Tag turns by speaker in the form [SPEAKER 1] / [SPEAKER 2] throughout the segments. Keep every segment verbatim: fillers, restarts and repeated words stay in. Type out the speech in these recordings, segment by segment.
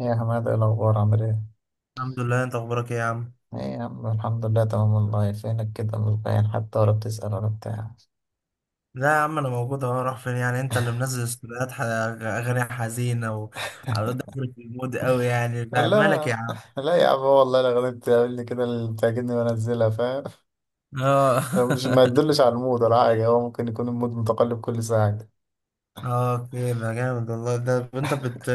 [SPEAKER 1] يا حماد، ايه الأخبار؟ عامل ايه؟
[SPEAKER 2] الحمد لله، انت اخبارك ايه يا عم؟
[SPEAKER 1] ايه يا عم، الحمد لله تمام والله. فينك كده؟ مش باين حتى، ولا بتسأل ولا بتاع.
[SPEAKER 2] لا يا عم انا موجود اهو. راح فين يعني؟ انت اللي منزل استوديوهات ح- اغاني حزينه وعلى داخل في المود قوي يعني. لا مالك يا
[SPEAKER 1] لا،
[SPEAKER 2] عم.
[SPEAKER 1] لا يا عم، هو والله الأغاني بتعمل لي كده اللي بتعجبني وأنزلها، فاهم؟
[SPEAKER 2] اه
[SPEAKER 1] لو مش ما يدلش على المود ولا حاجة. هو ممكن يكون المود متقلب كل ساعة.
[SPEAKER 2] اه كده جامد والله. ده انت بت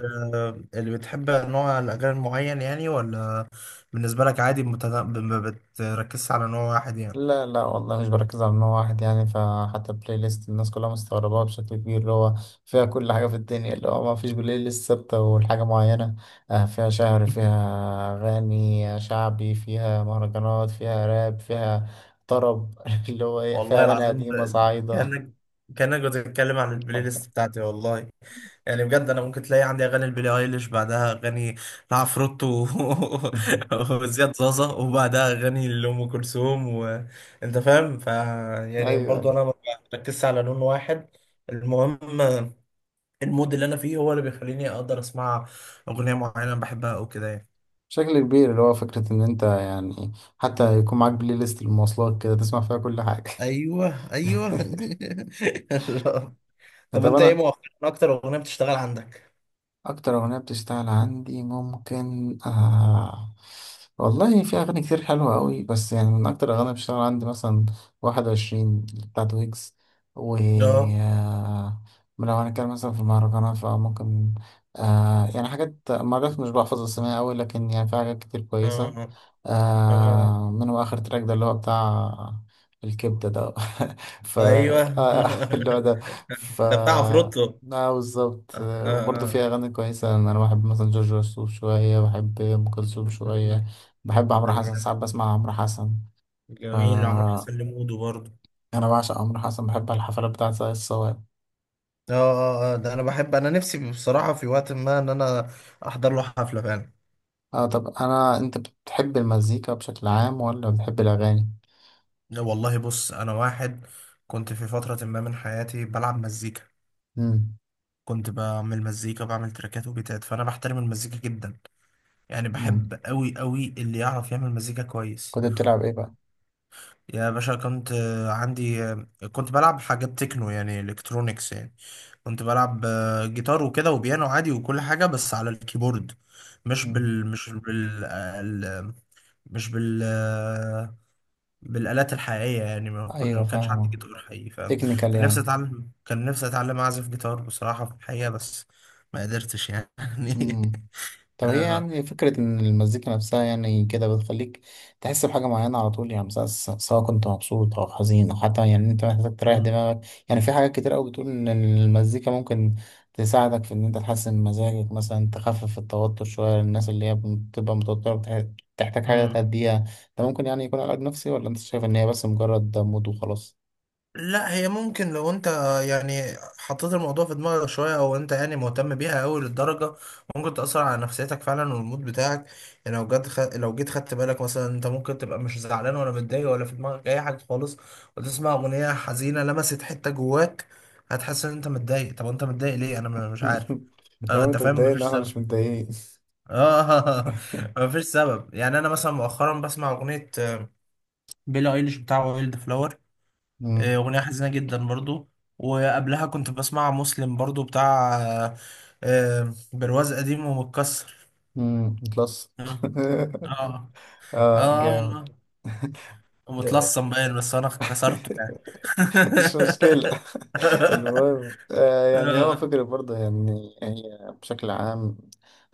[SPEAKER 2] اللي بتحب نوع الاغاني معين يعني ولا بالنسبه لك عادي متنا... ما بتركزش على نوع واحد يعني؟
[SPEAKER 1] لا، لا والله مش بركز على نوع واحد يعني. فحتى البلاي ليست الناس كلها مستغرباها بشكل كبير، اللي هو فيها كل حاجة في الدنيا، اللي هو ما فيش بلاي ليست ثابتة والحاجة معينة. آه، فيها شعر، فيها أغاني شعبي، فيها مهرجانات، فيها راب، فيها طرب. اللي هو إيه، فيها
[SPEAKER 2] والله
[SPEAKER 1] أغاني
[SPEAKER 2] العظيم
[SPEAKER 1] قديمة صعيدة.
[SPEAKER 2] كانك كانك بتتكلم عن البلاي ليست بتاعتي والله. يعني بجد انا ممكن تلاقي عندي اغاني لبيلي ايليش، بعدها اغاني لعفروتو و- وزياد زازا، وبعدها اغاني لام كلثوم، وانت فاهم. ف
[SPEAKER 1] أيوه،
[SPEAKER 2] يعني برضو
[SPEAKER 1] أيوه.
[SPEAKER 2] انا ما بركزش على لون واحد. المهم المود اللي انا فيه هو اللي بيخليني اقدر اسمع اغنيه معينه بحبها او كده يعني.
[SPEAKER 1] بشكل كبير، اللي هو فكرة إن أنت يعني حتى يكون معاك بلاي ليست للمواصلات كده، تسمع فيها كل حاجة.
[SPEAKER 2] ايوه ايوه طب
[SPEAKER 1] طب،
[SPEAKER 2] انت ايه
[SPEAKER 1] أنا
[SPEAKER 2] مؤخرا اكتر اغنيه بتشتغل عندك؟
[SPEAKER 1] اكتر اغنيه بتشتغل عندي، ممكن آه والله في اغاني كتير حلوه قوي، بس يعني من اكتر الاغاني اللي بتشتغل عندي مثلا واحد وعشرين بتاعت ويجز، و
[SPEAKER 2] اه
[SPEAKER 1] آه لو هنتكلم مثلا في المهرجانات، فممكن آه يعني حاجات مرات مش بحفظ اسمها قوي، لكن يعني في حاجات كتير كويسه.
[SPEAKER 2] اه اه
[SPEAKER 1] آه منهم اخر تراك ده اللي هو بتاع الكبده ده. ف آه،
[SPEAKER 2] ايوه
[SPEAKER 1] آه، اللي هو ده. ف
[SPEAKER 2] ده بتاع عفروتو.
[SPEAKER 1] اه، بالظبط.
[SPEAKER 2] اه
[SPEAKER 1] آه، وبرضه
[SPEAKER 2] اه
[SPEAKER 1] فيها أغاني كويسة، يعني أنا بحب مثلا جورج وسوف شوية، بحب أم كلثوم
[SPEAKER 2] مم.
[SPEAKER 1] شوية، بحب
[SPEAKER 2] ده
[SPEAKER 1] عمرو حسن،
[SPEAKER 2] جامد.
[SPEAKER 1] ساعات بسمع عمرو حسن. ف
[SPEAKER 2] جميل عمرو حسن لمودو برضه.
[SPEAKER 1] أنا بعشق عمرو حسن، بحب الحفلات بتاعة ساقية الصواب.
[SPEAKER 2] اه اه اه ده انا بحب، انا نفسي بصراحة في وقت ما ان انا احضر له حفلة فعلا.
[SPEAKER 1] اه، طب أنا أنت بتحب المزيكا بشكل عام ولا بتحب الأغاني؟
[SPEAKER 2] لا والله بص انا واحد كنت في فترة ما من حياتي بلعب مزيكا،
[SPEAKER 1] مم.
[SPEAKER 2] كنت بعمل مزيكا، بعمل تراكات وبيتات، فانا بحترم المزيكا جدا. يعني
[SPEAKER 1] مم.
[SPEAKER 2] بحب قوي قوي اللي يعرف يعمل مزيكا كويس.
[SPEAKER 1] كنت بتلعب إيه بقى؟
[SPEAKER 2] يا باشا كنت آه، عندي آه، كنت بلعب حاجات تكنو يعني الكترونيكس يعني. كنت بلعب آه، جيتار وكده وبيانو عادي وكل حاجة بس على الكيبورد. مش
[SPEAKER 1] مم.
[SPEAKER 2] بال مش بال آه، ال- مش بال آه، بالآلات الحقيقية يعني. ما كنا
[SPEAKER 1] أيوه،
[SPEAKER 2] ما كانش عندي
[SPEAKER 1] فاهمة.
[SPEAKER 2] جيتار حقيقي، فاهم.
[SPEAKER 1] تكنيكال
[SPEAKER 2] كان نفسي
[SPEAKER 1] يعني.
[SPEAKER 2] اتعلم كان نفسي اتعلم اعزف جيتار بصراحة في الحقيقة، بس ما قدرتش يعني
[SPEAKER 1] مم. طب هي
[SPEAKER 2] أنا-
[SPEAKER 1] يعني فكرة إن المزيكا نفسها يعني كده بتخليك تحس بحاجة معينة على طول، يعني مثلا س- سواء كنت مبسوط أو حزين، أو حتى يعني أنت محتاج تريح
[SPEAKER 2] مم.
[SPEAKER 1] دماغك. يعني في حاجات كتير أوي بتقول إن المزيكا ممكن تساعدك في إن أنت تحسن مزاجك مثلا، تخفف التوتر شوية للناس اللي هي بتبقى متوترة، بتح- بتحتاج حاجة
[SPEAKER 2] مم.
[SPEAKER 1] تهديها. ده ممكن يعني يكون علاج نفسي، ولا أنت شايف إن هي بس مجرد مود وخلاص؟
[SPEAKER 2] لا هي ممكن لو انت يعني حطيت الموضوع في دماغك شوية او انت يعني مهتم بيها قوي للدرجة ممكن تأثر على نفسيتك فعلا والمود بتاعك. يعني لو جد خ... لو جيت خدت بالك، مثلا انت ممكن تبقى مش زعلان ولا متضايق ولا في دماغك اي حاجة خالص، وتسمع اغنية حزينة لمست حتة جواك، هتحس ان انت متضايق. طب انت متضايق ليه؟ انا م- مش عارف. اه
[SPEAKER 1] لو
[SPEAKER 2] انت
[SPEAKER 1] أنت
[SPEAKER 2] فاهم،
[SPEAKER 1] متضايق إن
[SPEAKER 2] مفيش
[SPEAKER 1] إحنا
[SPEAKER 2] سبب.
[SPEAKER 1] مش متضايقين.
[SPEAKER 2] اه مفيش سبب. يعني انا مثلا مؤخرا بسمع اغنية بيلي ايليش بتاع وايلد فلاور، آه،
[SPEAKER 1] امم.
[SPEAKER 2] أغنية حزينة جدا برضو. وقبلها كنت بسمع مسلم برضو بتاع آه، آه، برواز قديم ومتكسر.
[SPEAKER 1] امم بلس.
[SPEAKER 2] اه اه
[SPEAKER 1] اه،
[SPEAKER 2] آه،
[SPEAKER 1] جامد.
[SPEAKER 2] والله. ومتلصم باين بس انا كسرته يعني
[SPEAKER 1] مش مشكلة. المهم آه يعني هو
[SPEAKER 2] اه
[SPEAKER 1] فكرة برضه، يعني هي بشكل عام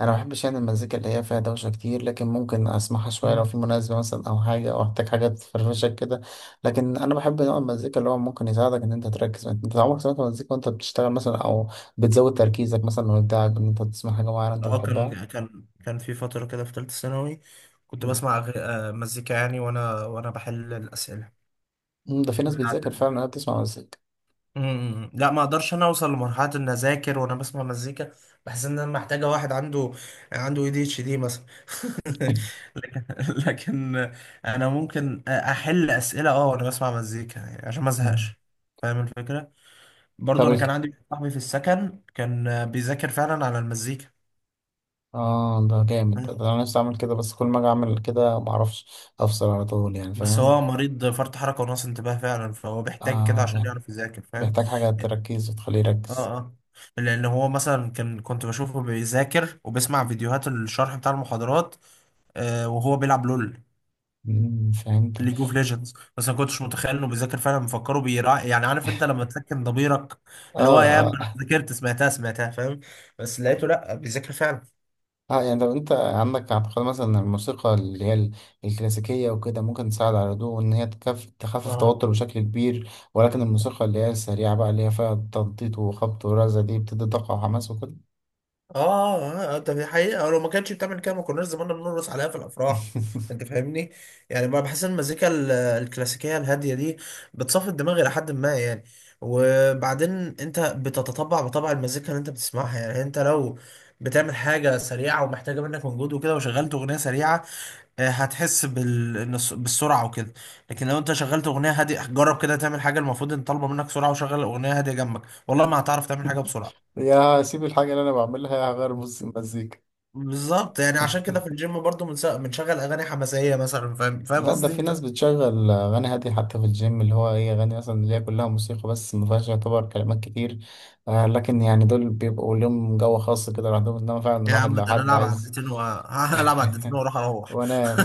[SPEAKER 1] أنا ما بحبش يعني المزيكا اللي هي فيها دوشة كتير، لكن ممكن أسمعها شوية لو في مناسبة مثلا، أو حاجة، أو أحتاج حاجة تفرفشك كده. لكن أنا بحب نوع المزيكا اللي هو ممكن يساعدك إن أنت تركز. أنت عمرك سمعت مزيكا وأنت بتشتغل مثلا، أو بتزود تركيزك مثلا وإبداعك، إن أنت تسمع حاجة معينة أنت
[SPEAKER 2] آه،
[SPEAKER 1] بتحبها.
[SPEAKER 2] كان كان كان في فترة كده في ثالثة ثانوي كنت
[SPEAKER 1] مم.
[SPEAKER 2] بسمع غ- آه، مزيكا يعني وانا وانا بحل الأسئلة
[SPEAKER 1] ده في ناس
[SPEAKER 2] بتاعتي.
[SPEAKER 1] بتذاكر فعلا إنها بتسمع مزيكا.
[SPEAKER 2] مم. لا ما اقدرش انا اوصل لمرحله ان اذاكر وانا بسمع مزيكا. بحس ان انا محتاجه واحد عنده عنده اي دي اتش دي مثلا لكن لكن انا ممكن احل اسئله اه وانا بسمع مزيكا يعني عشان ما
[SPEAKER 1] مم.
[SPEAKER 2] ازهقش، فاهم الفكره. برضو
[SPEAKER 1] طب
[SPEAKER 2] انا كان عندي واحد صاحبي في السكن كان بيذاكر فعلا على المزيكا.
[SPEAKER 1] اه، ده جامد. ده ده انا نفسي اعمل كده، بس كل ما اجي اعمل كده معرفش افصل على طول، يعني
[SPEAKER 2] بس هو
[SPEAKER 1] فاهم.
[SPEAKER 2] مريض فرط حركه ونقص انتباه فعلا، فهو بيحتاج كده عشان
[SPEAKER 1] اه،
[SPEAKER 2] يعرف يذاكر فاهم.
[SPEAKER 1] محتاج حاجة تركيز وتخليه
[SPEAKER 2] اه
[SPEAKER 1] يركز.
[SPEAKER 2] اه لان هو مثلا كان كنت بشوفه بيذاكر وبيسمع فيديوهات الشرح بتاع المحاضرات، آه وهو بيلعب لول
[SPEAKER 1] مم، فهمت.
[SPEAKER 2] ليج اوف ليجندز، بس ما كنتش متخيل انه بيذاكر فعلا. مفكره بيرا يعني، عارف انت لما تسكن ضميرك اللي هو
[SPEAKER 1] اه،
[SPEAKER 2] يا عم انا
[SPEAKER 1] اه،
[SPEAKER 2] ذاكرت سمعتها سمعتها، فاهم. بس لقيته لا بيذاكر فعلا.
[SPEAKER 1] اه، يعني طب انت عندك اعتقاد مثلا ان الموسيقى اللي هي ال- الكلاسيكية وكده ممكن تساعد على الهدوء، وان هي تكف تخفف
[SPEAKER 2] اه
[SPEAKER 1] التوتر بشكل كبير، ولكن الموسيقى اللي هي السريعة بقى اللي هي فيها تنطيط وخبط ورزة دي بتدي طاقة وحماس وكده.
[SPEAKER 2] اه اه آه، ده في حقيقة، لو ما كانتش بتعمل كده ما كناش زماننا بنرقص عليها في الافراح، انت فاهمني. يعني ما بحس ان المزيكا ال- الكلاسيكية الهادية دي بتصفي الدماغ الى حد ما يعني. وبعدين انت بتتطبع بطبع المزيكا اللي انت بتسمعها. يعني انت لو بتعمل حاجة سريعة ومحتاجة منك مجهود وكده وشغلت اغنية سريعة، آه، هتحس بال... إن الس- بالسرعة وكده. لكن لو انت شغلت اغنية هادية، جرب كده تعمل حاجة المفروض ان طالبة منك سرعة وشغل اغنية هادية جنبك، والله ما هتعرف تعمل حاجة بسرعة.
[SPEAKER 1] يا، سيب الحاجة اللي انا بعملها، هغير بص المزيكا.
[SPEAKER 2] بالظبط، يعني عشان كده في الجيم برضو بنس- بنشغل اغاني حماسيه مثلا، فاهم فاهم
[SPEAKER 1] لا، ده
[SPEAKER 2] قصدي
[SPEAKER 1] في ناس
[SPEAKER 2] انت.
[SPEAKER 1] بتشغل أغاني هادية حتى في الجيم، اللي هو إيه، أغاني مثلا اللي هي كلها موسيقى بس ما فيهاش يعتبر كلمات كتير. آه لكن يعني دول بيبقوا لهم جو خاص كده لوحدهم، إنما فعلا
[SPEAKER 2] يا
[SPEAKER 1] الواحد
[SPEAKER 2] عم
[SPEAKER 1] لو
[SPEAKER 2] ده انا
[SPEAKER 1] حد
[SPEAKER 2] العب
[SPEAKER 1] عايز.
[SPEAKER 2] عدتين وهلعب عدتين واروح اروح
[SPEAKER 1] وأنا.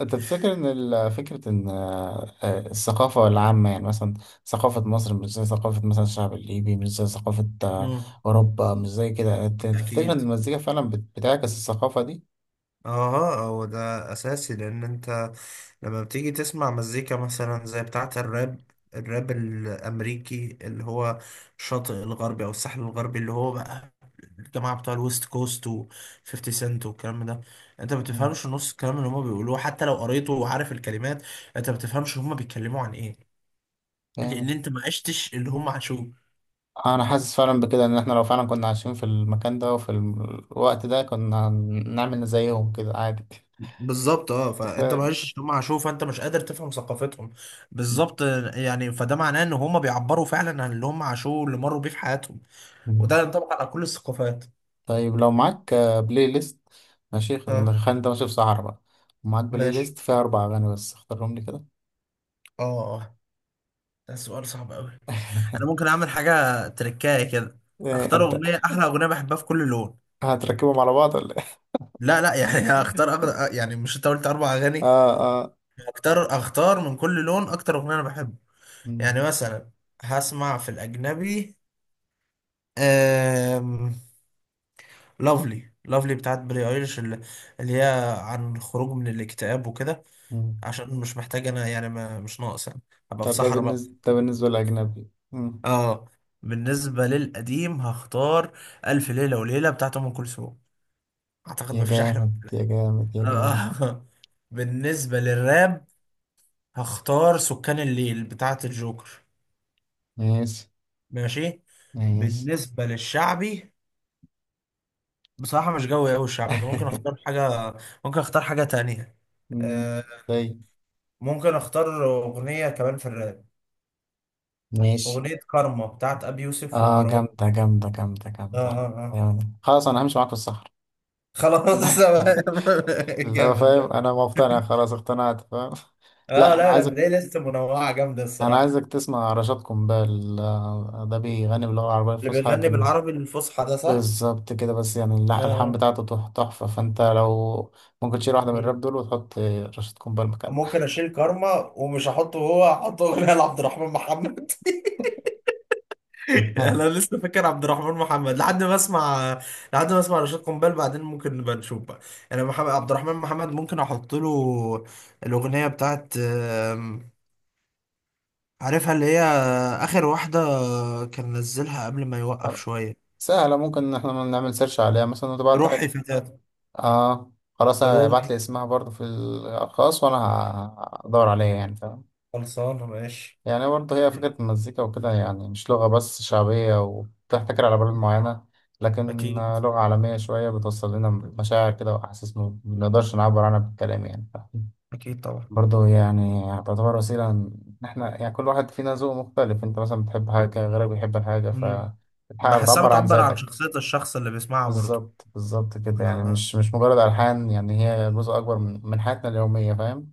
[SPEAKER 1] أنت تفتكر إن ال- فكرة إن آه، آه، الثقافة العامة، يعني مثلا ثقافة مصر مش زي ثقافة مثلا الشعب الليبي، مش زي ثقافة آه،
[SPEAKER 2] مم.
[SPEAKER 1] أوروبا، مش زي كده، أنت تفتكر إن
[SPEAKER 2] اكيد.
[SPEAKER 1] المزيكا فعلا بت- بتعكس الثقافة دي؟
[SPEAKER 2] اه هو ده اساسي، لان انت لما بتيجي تسمع مزيكا مثلا زي بتاعة الراب، الراب الأمريكي اللي هو الشاطئ الغربي أو الساحل الغربي اللي هو بقى الجماعة بتوع الويست كوست و فيفتي سنت والكلام ده، انت ما بتفهمش نص الكلام اللي هما بيقولوه، حتى لو قريته وعارف الكلمات انت ما بتفهمش هما بيتكلموا عن ايه، لان
[SPEAKER 1] مم.
[SPEAKER 2] انت ما عشتش اللي هم عاشوه.
[SPEAKER 1] انا حاسس فعلا بكده، ان احنا لو فعلا كنا عايشين في المكان ده وفي الوقت ده كنا نعمل زيهم كده عادي.
[SPEAKER 2] بالظبط اه، فانت ما
[SPEAKER 1] ف-
[SPEAKER 2] عشتش اللي هم عاشوه فانت مش قادر تفهم ثقافتهم. بالظبط، يعني فده معناه ان هم بيعبروا فعلا عن اللي هم عاشوه واللي مروا بيه في حياتهم، وده ينطبق على كل الثقافات.
[SPEAKER 1] طيب لو معاك آه، بلاي ليست. ماشي،
[SPEAKER 2] اه
[SPEAKER 1] خلينا، خلينا، انت ماشي في صحرا بقى، ومعاك بلاي
[SPEAKER 2] ماشي
[SPEAKER 1] ليست فيها اربع اغاني بس، اختارهم لي كده.
[SPEAKER 2] اه اه ده سؤال صعب قوي. انا ممكن اعمل حاجه تركايه كده،
[SPEAKER 1] إيه،
[SPEAKER 2] اختار
[SPEAKER 1] هت-
[SPEAKER 2] اغنيه، احلى اغنيه بحبها في كل لون.
[SPEAKER 1] هتركبهم على بعض ولا ايه؟
[SPEAKER 2] لا لا يعني هختار أغ... يعني مش انت قلت اربع اغاني؟
[SPEAKER 1] اه، اه.
[SPEAKER 2] اختار اختار من كل لون اكتر اغنيه انا بحبها.
[SPEAKER 1] مم،
[SPEAKER 2] يعني مثلا هسمع في الاجنبي، أم... لافلي لافلي بتاعت بري ايرش، اللي اللي هي عن الخروج من الاكتئاب وكده،
[SPEAKER 1] مم.
[SPEAKER 2] عشان مش محتاج انا يعني، ما مش ناقص يعني. ابقى في
[SPEAKER 1] طب ده
[SPEAKER 2] صحراء بقى.
[SPEAKER 1] بالنسبه ده بالنسبه للاجنبي. مم.
[SPEAKER 2] اه. بالنسبة للقديم هختار ألف ليلة وليلة بتاعت أم كلثوم، أعتقد
[SPEAKER 1] يا
[SPEAKER 2] مفيش أحلى
[SPEAKER 1] جامد،
[SPEAKER 2] من
[SPEAKER 1] يا جامد، يا
[SPEAKER 2] كده.
[SPEAKER 1] جامد.
[SPEAKER 2] آه. بالنسبة للراب هختار سكان الليل بتاعت الجوكر.
[SPEAKER 1] ماشي.
[SPEAKER 2] ماشي.
[SPEAKER 1] ماشي.
[SPEAKER 2] بالنسبة للشعبي بصراحة مش جوي أوي الشعبي، أنا ممكن أختار حاجة، ممكن أختار حاجة تانية.
[SPEAKER 1] مم.
[SPEAKER 2] آه.
[SPEAKER 1] طيب.
[SPEAKER 2] ممكن أختار أغنية كمان في الراب،
[SPEAKER 1] ماشي.
[SPEAKER 2] أغنية كارما بتاعت أبي يوسف
[SPEAKER 1] اه،
[SPEAKER 2] ومروان.
[SPEAKER 1] جامدة، جامدة، جامدة،
[SPEAKER 2] آه آه
[SPEAKER 1] جامدة،
[SPEAKER 2] آه
[SPEAKER 1] جامدة. خلاص انا همشي معاك في الصحراء.
[SPEAKER 2] خلاص
[SPEAKER 1] اللي هو
[SPEAKER 2] جامد
[SPEAKER 1] فاهم،
[SPEAKER 2] ده.
[SPEAKER 1] انا مقتنع، خلاص اقتنعت، فاهم.
[SPEAKER 2] اه
[SPEAKER 1] لا، انا
[SPEAKER 2] لا لا،
[SPEAKER 1] عايزك
[SPEAKER 2] بلاقي لسه منوعة جامدة
[SPEAKER 1] انا
[SPEAKER 2] الصراحة.
[SPEAKER 1] عايزك تسمع رشاد قنبال. آه، ده بيغني باللغة العربية
[SPEAKER 2] اللي
[SPEAKER 1] الفصحى،
[SPEAKER 2] بيغني
[SPEAKER 1] لكن.
[SPEAKER 2] بالعربي الفصحى ده، صح؟
[SPEAKER 1] بالظبط كده، بس يعني لا، الحان
[SPEAKER 2] اه
[SPEAKER 1] بتاعته تح- تحفة. فانت لو ممكن تشيل واحدة من
[SPEAKER 2] مم.
[SPEAKER 1] الراب دول وتحط رشاد قنبال مكانها.
[SPEAKER 2] ممكن اشيل كارما، ومش هحطه، هو هحطه اغنية لعبد الرحمن محمد. انا لسه فاكر عبد الرحمن محمد لحد ما اسمع لحد ما اسمع رشاد قنبال، بعدين ممكن نبقى نشوف بقى. انا محمد عبد الرحمن محمد ممكن احط له الاغنية بتاعت آم، عارفها اللي هي اخر واحدة كان نزلها قبل ما يوقف شوية.
[SPEAKER 1] سهلة، ممكن ان احنا نعمل سيرش عليها مثلا وتبعتها.
[SPEAKER 2] روحي فتاة.
[SPEAKER 1] اه، خلاص، ابعت
[SPEAKER 2] روحي.
[SPEAKER 1] لي اسمها برضه في الخاص، وانا ه- هدور عليها يعني فاهم.
[SPEAKER 2] خلصانة ماشي.
[SPEAKER 1] يعني برضه هي فكرة المزيكا وكده، يعني مش لغة بس شعبية وبتحتكر على بلد معينة، لكن
[SPEAKER 2] أكيد
[SPEAKER 1] آه، لغة عالمية شوية بتوصل لنا مشاعر كده وأحاسيس ما بنقدرش نعبر عنها بالكلام، يعني فاهم؟
[SPEAKER 2] أكيد طبعا.
[SPEAKER 1] برضه يعني تعتبر وسيلة، إن إحنا يعني كل واحد فينا ذوق مختلف. أنت مثلا بتحب حاجة، غيرك بيحب الحاجة،
[SPEAKER 2] مم.
[SPEAKER 1] فالحاجة
[SPEAKER 2] بحسها
[SPEAKER 1] بتعبر عن
[SPEAKER 2] بتعبر عن
[SPEAKER 1] ذاتك.
[SPEAKER 2] شخصية الشخص اللي بيسمعها برضه.
[SPEAKER 1] بالظبط، بالظبط كده،
[SPEAKER 2] آه
[SPEAKER 1] يعني
[SPEAKER 2] آه
[SPEAKER 1] مش مش مجرد ألحان، يعني هي جزء أكبر من من حياتنا اليومية، فاهم.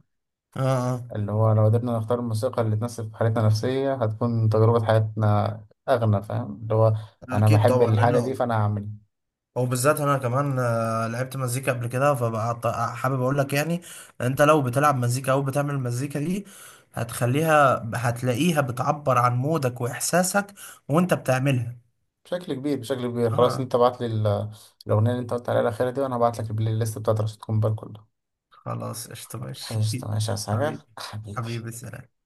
[SPEAKER 2] آه آه.
[SPEAKER 1] اللي هو لو قدرنا نختار الموسيقى اللي تناسب حالتنا النفسية، هتكون تجربة حياتنا أغنى، فاهم. اللي هو أنا
[SPEAKER 2] أكيد
[SPEAKER 1] بحب
[SPEAKER 2] طبعا
[SPEAKER 1] الحاجة دي
[SPEAKER 2] لأنه،
[SPEAKER 1] فأنا هعمل
[SPEAKER 2] وبالذات أنا كمان آه، لعبت مزيكا قبل كده، فبقى ط- حابب أقول لك يعني، أنت لو بتلعب مزيكا أو بتعمل مزيكا دي هتخليها هتلاقيها بتعبر عن مودك وإحساسك وأنت بتعملها.
[SPEAKER 1] بشكل كبير، بشكل كبير. خلاص
[SPEAKER 2] آه
[SPEAKER 1] أنت بعت لي ال- الأغنية اللي أنت قلت عليها الأخيرة دي، وأنا هبعت لك البلاي ليست بتاعت رشيد كومبال كلها.
[SPEAKER 2] خلاص قشطة ماشي
[SPEAKER 1] قشطة، ماشي، يا سعيد
[SPEAKER 2] حبيبي.
[SPEAKER 1] حبيبي.
[SPEAKER 2] حبيبي سلام.